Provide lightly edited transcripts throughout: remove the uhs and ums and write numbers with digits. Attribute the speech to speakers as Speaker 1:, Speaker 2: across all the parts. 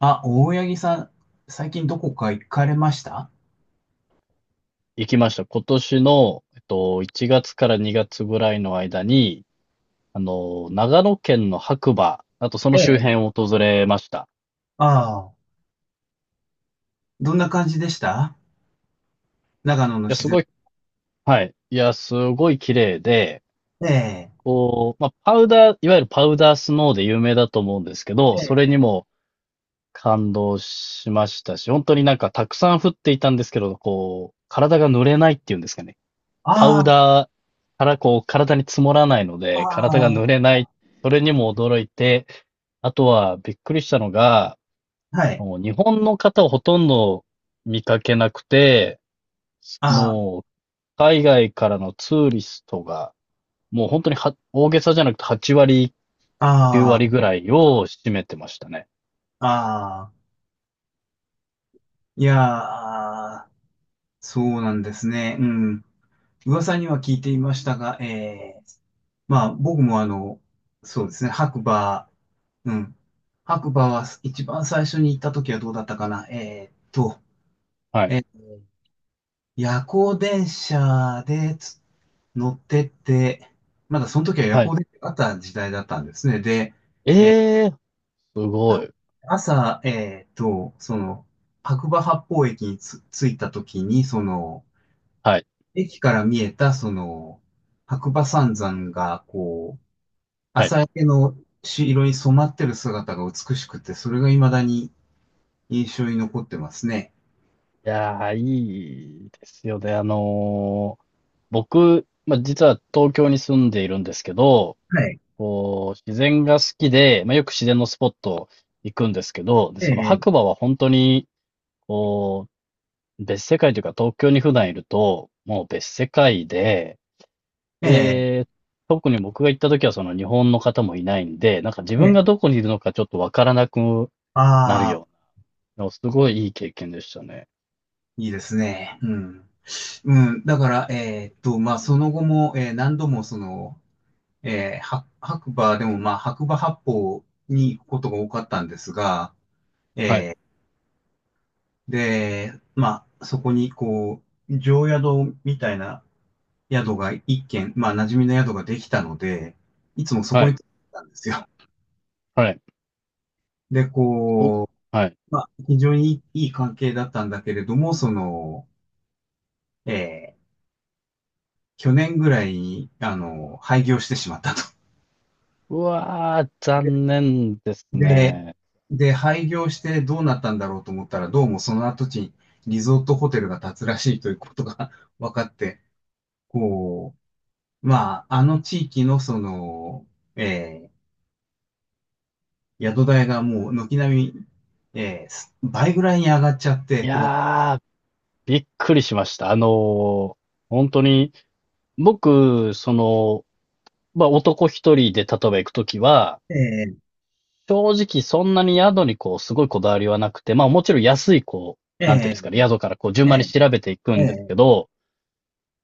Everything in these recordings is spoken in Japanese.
Speaker 1: あ、大八木さん、最近どこか行かれました？
Speaker 2: 行きました。今年の、1月から2月ぐらいの間に、長野県の白馬、あとそ
Speaker 1: え
Speaker 2: の周
Speaker 1: え。
Speaker 2: 辺を訪れました。
Speaker 1: ああ、どんな感じでした？
Speaker 2: い
Speaker 1: 長野の
Speaker 2: や、
Speaker 1: 自
Speaker 2: す
Speaker 1: 然。
Speaker 2: ごい、はい。いや、すごい綺麗で、
Speaker 1: ええ。
Speaker 2: こう、まあ、パウダー、いわゆるパウダースノーで有名だと思うんですけど、
Speaker 1: え
Speaker 2: それに
Speaker 1: え。
Speaker 2: も感動しましたし、本当になんかたくさん降っていたんですけど、こう、体が濡れないっていうんですかね。パ
Speaker 1: あ
Speaker 2: ウ
Speaker 1: あ。
Speaker 2: ダーからこう、体に積もらないので、体が濡れ
Speaker 1: あ
Speaker 2: ない。それにも驚いて、あとは、びっくりしたのが、
Speaker 1: あ、はい。
Speaker 2: もう日本の方をほとんど見かけなくて、
Speaker 1: あ
Speaker 2: もう、海外からのツーリストが、もう本当に、大げさじゃなくて8割、9
Speaker 1: あ。
Speaker 2: 割
Speaker 1: あ
Speaker 2: ぐらいを占めてましたね。
Speaker 1: あ。ああ。いやー、そうなんですね。うん。噂には聞いていましたが、ええ。まあ、僕もそうですね、白馬、うん。白馬は一番最初に行った時はどうだったかな、
Speaker 2: はい。
Speaker 1: ええ、夜行電車で乗ってって、まだその時は夜
Speaker 2: はい。
Speaker 1: 行電車があった時代だったんですね。で、
Speaker 2: ええ、すご
Speaker 1: あ、
Speaker 2: い。
Speaker 1: 朝、白馬八方駅に着いた時に、
Speaker 2: はい。
Speaker 1: 駅から見えた、白馬三山が、こう、
Speaker 2: はい。
Speaker 1: 朝焼けの色に染まってる姿が美しくて、それが未だに印象に残ってますね。
Speaker 2: いやー、いいですよね。僕、まあ、実は東京に住んでいるんですけど、
Speaker 1: はい。
Speaker 2: こう、自然が好きで、まあ、よく自然のスポット行くんですけど、で、
Speaker 1: え
Speaker 2: その
Speaker 1: え。
Speaker 2: 白馬は本当に、こう、別世界というか、東京に普段いると、もう別世界で、
Speaker 1: ええ。
Speaker 2: で、特に僕が行った時はその日本の方もいないんで、なんか自
Speaker 1: え
Speaker 2: 分
Speaker 1: え。
Speaker 2: がどこにいるのかちょっとわからなくなる
Speaker 1: ああ。
Speaker 2: ような、すごいいい経験でしたね。
Speaker 1: いいですね。うん。うん、だから、まあ、その後も、何度も、えーは白馬でも、まあ、白馬八方に行くことが多かったんですが、
Speaker 2: はい、
Speaker 1: で、まあ、そこに、こう、常宿みたいな宿が一軒、まあ、馴染みの宿ができたので、いつもそ
Speaker 2: は
Speaker 1: こに行
Speaker 2: い、
Speaker 1: ってたんですよ。
Speaker 2: はい。
Speaker 1: で、
Speaker 2: お、
Speaker 1: こ
Speaker 2: はい。
Speaker 1: う、まあ、非常にいい関係だったんだけれども、えー去年ぐらいに、廃業してしまったと。
Speaker 2: うわー、残念です
Speaker 1: で、
Speaker 2: ね。
Speaker 1: で、廃業してどうなったんだろうと思ったら、どうもその跡地にリゾートホテルが建つらしいということが 分かって、こう、まあ、あの地域のえー宿代がもう軒並み、倍ぐらいに上がっちゃって、
Speaker 2: い
Speaker 1: この、
Speaker 2: やー、びっくりしました。ー本当に、僕、その、まあ、男一人で例えば行くときは、
Speaker 1: えー
Speaker 2: 正直そんなに宿にこう、すごいこだわりはなくて、まあもちろん安いこう、なんていうん
Speaker 1: え
Speaker 2: ですかね、
Speaker 1: ー
Speaker 2: 宿からこう順
Speaker 1: えー
Speaker 2: 番に
Speaker 1: え
Speaker 2: 調べていく
Speaker 1: ー
Speaker 2: んですけ
Speaker 1: え
Speaker 2: ど、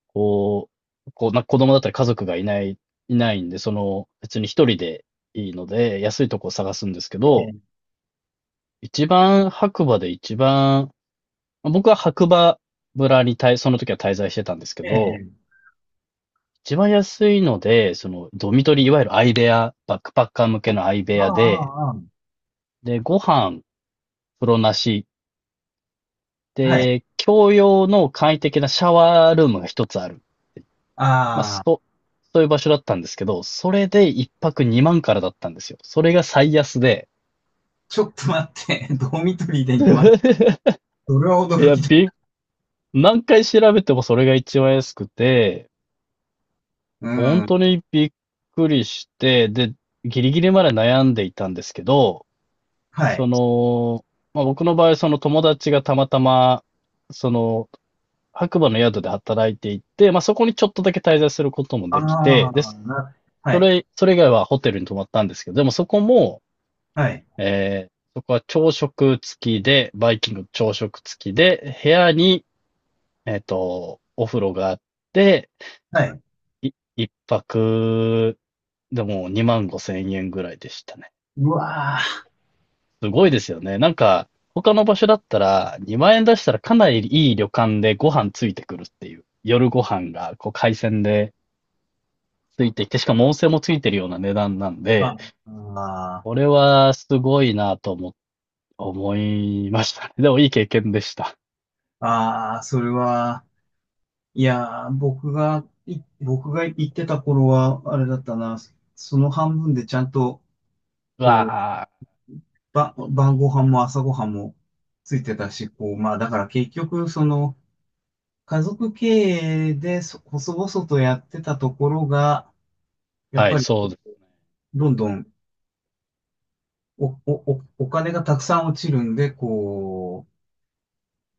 Speaker 2: こう、こうな子供だったり家族がいないんで、その別に一人でいいので、安いとこを探すんですけど、
Speaker 1: ー
Speaker 2: 一番、僕は白馬村にその時は滞在してたんですけ
Speaker 1: え
Speaker 2: ど、
Speaker 1: ー
Speaker 2: 一番安いので、その、ドミトリー、いわゆる相部屋、バックパッカー向けの相部
Speaker 1: あ
Speaker 2: 屋で、
Speaker 1: あ、あー、
Speaker 2: で、ご飯、風呂なし、
Speaker 1: あー、はい、
Speaker 2: で、共用の簡易的なシャワールームが一つある。まあ、
Speaker 1: ああ、
Speaker 2: そ、そういう場所だったんですけど、それで一泊二万からだったんですよ。それが最安で。
Speaker 1: ちょっと待って、ドミトリーでま万、それは
Speaker 2: い
Speaker 1: 驚
Speaker 2: や、
Speaker 1: きだ。
Speaker 2: び、何回調べてもそれが一番安くて、
Speaker 1: う
Speaker 2: 本
Speaker 1: ん、
Speaker 2: 当にびっくりして、で、ギリギリまで悩んでいたんですけど、
Speaker 1: は
Speaker 2: そ
Speaker 1: い。
Speaker 2: の、まあ、僕の場合、その友達がたまたま、その、白馬の宿で働いていて、まあ、そこにちょっとだけ滞在することも
Speaker 1: あ
Speaker 2: できて、で、
Speaker 1: あ、
Speaker 2: そ
Speaker 1: はい。
Speaker 2: れ、それ以外はホテルに泊まったんですけど、でもそこも、
Speaker 1: はい。
Speaker 2: そこは朝食付きで、バイキング朝食付きで、部屋に、お風呂があって、
Speaker 1: はい。
Speaker 2: 一泊、でも2万5千円ぐらいでしたね。
Speaker 1: うわ
Speaker 2: すごいですよね。なんか、他の場所だったら、2万円出したらかなりいい旅館でご飯ついてくるっていう。夜ご飯が、こう、海鮮でついてきて、しかも温泉もついてるような値段なん
Speaker 1: ー。
Speaker 2: で、
Speaker 1: あ
Speaker 2: こ
Speaker 1: あ
Speaker 2: れはすごいなと思いましたね。でもいい経験でした。
Speaker 1: ー、あー、それは、いやー、僕が行ってた頃は、あれだったな、その半分でちゃんと、
Speaker 2: う
Speaker 1: こう、
Speaker 2: わ
Speaker 1: 晩ご飯も朝ご飯もついてたし、こう、まあ、だから結局、その、家族経営で、細々とやってたところが、や
Speaker 2: あ、
Speaker 1: っ
Speaker 2: はい、
Speaker 1: ぱり、
Speaker 2: そうです。
Speaker 1: どんどん、お金がたくさん落ちるんで、こう、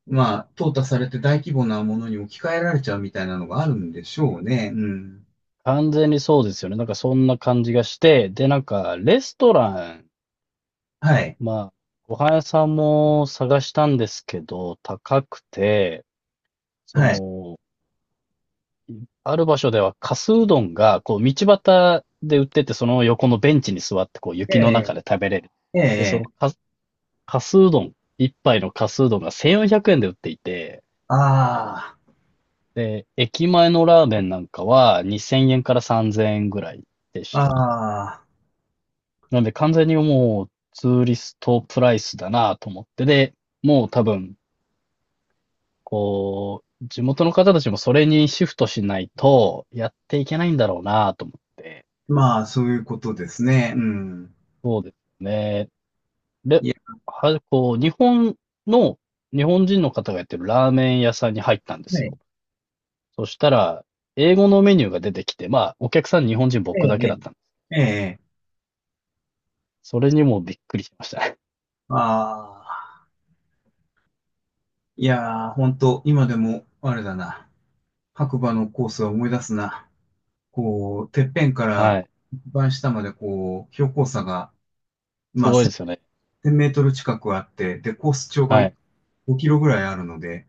Speaker 1: まあ、淘汰されて大規模なものに置き換えられちゃうみたいなのがあるんでしょうね。うん。
Speaker 2: 完全にそうですよね。なんかそんな感じがして、で、なんか、レストラン、
Speaker 1: はい。
Speaker 2: まあ、ご飯屋さんも探したんですけど、高くて、そ
Speaker 1: はい。
Speaker 2: の、ある場所では、かすうどんが、こう、道端で売ってて、その横のベンチに座って、こう、
Speaker 1: え
Speaker 2: 雪の
Speaker 1: え。
Speaker 2: 中で食べれる。
Speaker 1: え
Speaker 2: で、
Speaker 1: え。
Speaker 2: かすうどん、一杯のかすうどんが1400円で売っていて、
Speaker 1: あ
Speaker 2: で、駅前のラーメンなんかは2000円から3000円ぐらいで
Speaker 1: あ。
Speaker 2: したね。
Speaker 1: ああ。
Speaker 2: なんで完全にもうツーリストプライスだなと思って、で、もう多分、こう、地元の方たちもそれにシフトしないとやっていけないんだろうなと思って、
Speaker 1: まあ、そういうことですね。うん。
Speaker 2: そうですね。れ、
Speaker 1: いや、
Speaker 2: こう、の、日本人の方がやってるラーメン屋さんに入ったんです
Speaker 1: はい。
Speaker 2: よ。そしたら、英語のメニューが出てきて、まあ、お客さん日本人
Speaker 1: え
Speaker 2: 僕だ
Speaker 1: え。
Speaker 2: けだったんです。
Speaker 1: ええ。ええ。
Speaker 2: それにもびっくりしましたね。
Speaker 1: ああ。いやー、ほんと、今でも、あれだな。白馬のコースは思い出すな。こう、てっぺんか
Speaker 2: は
Speaker 1: ら
Speaker 2: い。
Speaker 1: 一番下まで、こう、標高差が、
Speaker 2: す
Speaker 1: まあ、
Speaker 2: ごいですよね。
Speaker 1: 1000メートル近くあって、で、コース長が
Speaker 2: はい。
Speaker 1: 5キロぐらいあるので、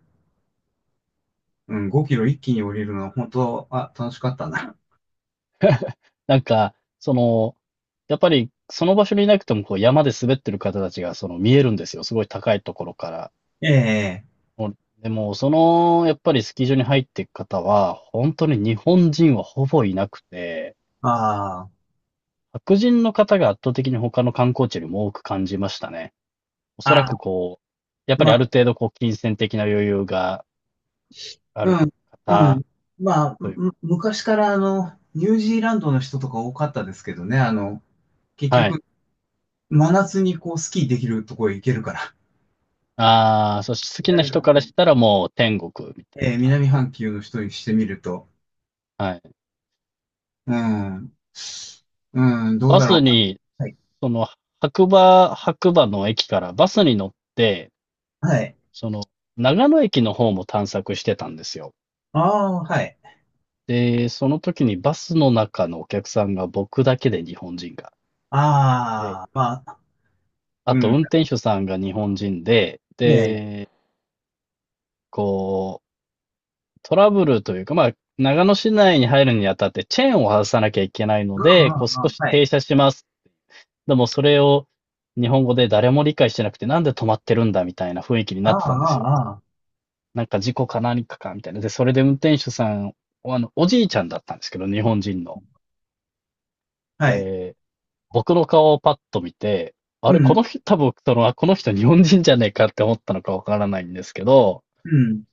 Speaker 1: うん、5キロ一気に降りるのは本当、あ、楽しかったな。
Speaker 2: なんか、その、やっぱり、その場所にいなくても、こう、山で滑ってる方たちが、その、見えるんですよ。すごい高いところから。
Speaker 1: ええ、
Speaker 2: もうでも、その、やっぱりスキー場に入っていく方は、本当に日本人はほぼいなくて、
Speaker 1: ああ。
Speaker 2: 白人の方が圧倒的に他の観光地よりも多く感じましたね。おそら
Speaker 1: あ
Speaker 2: く
Speaker 1: あ。
Speaker 2: こう、やっぱ
Speaker 1: ま
Speaker 2: りある
Speaker 1: あ、
Speaker 2: 程度こう、金銭的な余裕があ
Speaker 1: う
Speaker 2: る
Speaker 1: ん、う
Speaker 2: 方
Speaker 1: ん。まあ、
Speaker 2: という
Speaker 1: 昔からニュージーランドの人とか多かったですけどね、結
Speaker 2: か、はい。
Speaker 1: 局、真夏にこう、スキーできるとこへ行けるから。
Speaker 2: ああ、そして好きな
Speaker 1: 南
Speaker 2: 人
Speaker 1: 半
Speaker 2: から
Speaker 1: 球。
Speaker 2: したらもう天国みたい
Speaker 1: ええ、南半球の人にしてみると、
Speaker 2: な。はい。
Speaker 1: うん、うん、どう
Speaker 2: バ
Speaker 1: だろ
Speaker 2: スに、
Speaker 1: う。はい。
Speaker 2: その、白馬の駅からバスに乗って、
Speaker 1: はい。
Speaker 2: その、長野駅の方も探索してたんですよ。
Speaker 1: ああ、はい。
Speaker 2: で、その時にバスの中のお客さんが僕だけで日本人が。
Speaker 1: ああ。まあ、
Speaker 2: あ
Speaker 1: う
Speaker 2: と、
Speaker 1: ん。
Speaker 2: 運転手さんが日本人で、
Speaker 1: ねえ。
Speaker 2: で、こう、トラブルというか、まあ、長野市内に入るにあたってチェーンを外さなきゃいけない
Speaker 1: あ
Speaker 2: ので、こう
Speaker 1: あ。あ
Speaker 2: 少し
Speaker 1: あ、はい。
Speaker 2: 停車します。でもそれを日本語で誰も理解してなくて、なんで止まってるんだみたいな雰囲気に
Speaker 1: あ
Speaker 2: なっ
Speaker 1: あ。
Speaker 2: てたんですよ。
Speaker 1: ああ。あ
Speaker 2: なんか事故か何かかみたいな。で、それで運転手さん、あの、おじいちゃんだったんですけど、日本人の。
Speaker 1: あ、はい。
Speaker 2: で、僕の顔をパッと見て、あ
Speaker 1: う
Speaker 2: れ、こ
Speaker 1: ん、
Speaker 2: の人、多分、その、この人日本人じゃねえかって思ったのかわからないんですけど、
Speaker 1: うん。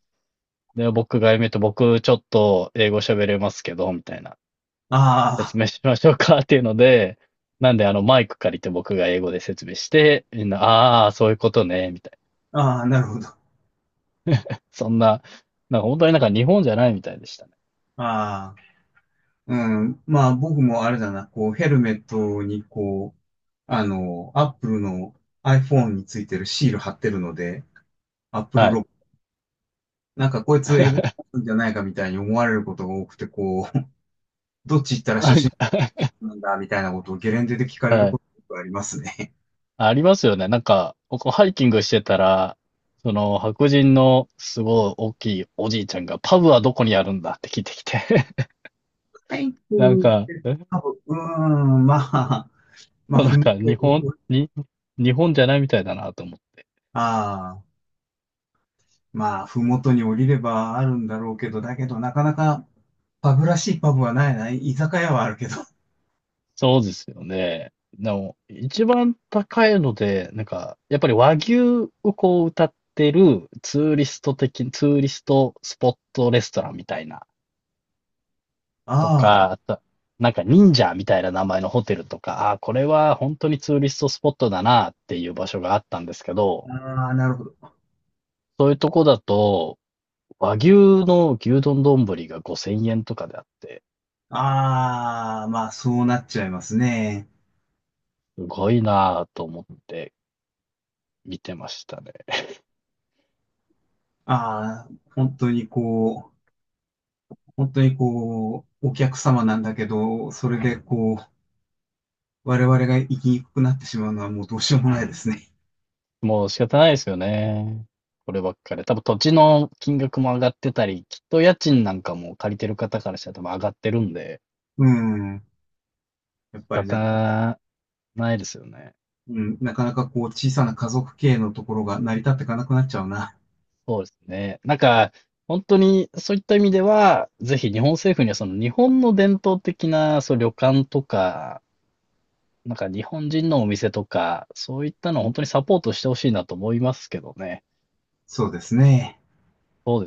Speaker 2: で、僕が僕ちょっと英語喋れますけど、みたいな。
Speaker 1: あ
Speaker 2: 説明しましょうかっていうので、なんであのマイク借りて僕が英語で説明して、みんな、ああ、そういうことね、みたいな。
Speaker 1: あ。ああ、はい、うん、うん、ああ、ああ、なるほど。
Speaker 2: そんな、なんか本当になんか日本じゃないみたいでしたね。
Speaker 1: ああ。うん。まあ、僕もあれだな、こう、ヘルメットに、こう、あの、アップルの iPhone についてるシール貼ってるので、アップル
Speaker 2: は
Speaker 1: ロ
Speaker 2: い。
Speaker 1: ゴ、なんかこいつ英語 なんじゃないかみたいに思われることが多くて、こう、どっち行ったら初
Speaker 2: なん
Speaker 1: 心
Speaker 2: か
Speaker 1: 者 なんだみたいなことをゲレンデで聞かれる
Speaker 2: はい。
Speaker 1: ことがありますね。
Speaker 2: ありますよね。なんか、僕ハイキングしてたら、その白人のすごい大きいおじいちゃんが、パブはどこにあるんだって聞いてきて
Speaker 1: はい、う
Speaker 2: なん
Speaker 1: ん、
Speaker 2: か、
Speaker 1: 多分、うーん、まあ、まあ、
Speaker 2: な
Speaker 1: ふ
Speaker 2: ん
Speaker 1: も
Speaker 2: か
Speaker 1: とに、
Speaker 2: 日本じゃないみたいだなと思って。
Speaker 1: ああ、まあ、ふもとに降りればあるんだろうけど、だけど、なかなか、パブらしいパブはないな。居酒屋はあるけど。
Speaker 2: そうですよね。でも、一番高いので、なんか、やっぱり和牛をこう歌ってるツーリストスポットレストランみたいな、と
Speaker 1: ああ。
Speaker 2: か、あと、なんか忍者みたいな名前のホテルとか、あーこれは本当にツーリストスポットだなっていう場所があったんですけど、
Speaker 1: ああ、なるほど。
Speaker 2: そういうとこだと、和牛の丼が5000円とかであって、
Speaker 1: ああ、まあ、そうなっちゃいますね。
Speaker 2: すごいなぁと思って見てましたね。
Speaker 1: ああ、本当にこう、本当にこう、お客様なんだけど、それでこう、我々が生きにくくなってしまうのはもうどうしようもないですね。
Speaker 2: もう仕方ないですよね。こればっかり多分土地の金額も上がってたり、きっと家賃なんかも借りてる方からしたら多分上がってるんで、
Speaker 1: うん。やっ
Speaker 2: 仕
Speaker 1: ぱりなかなか、
Speaker 2: 方ないですよね。
Speaker 1: うん、なかなかこう、小さな家族経営のところが成り立っていかなくなっちゃうな。
Speaker 2: そうですね。なんか、本当にそういった意味では、ぜひ日本政府にはその日本の伝統的な旅館とか、なんか日本人のお店とか、そういったのを本当にサポートしてほしいなと思いますけどね。
Speaker 1: そうですね。
Speaker 2: そうです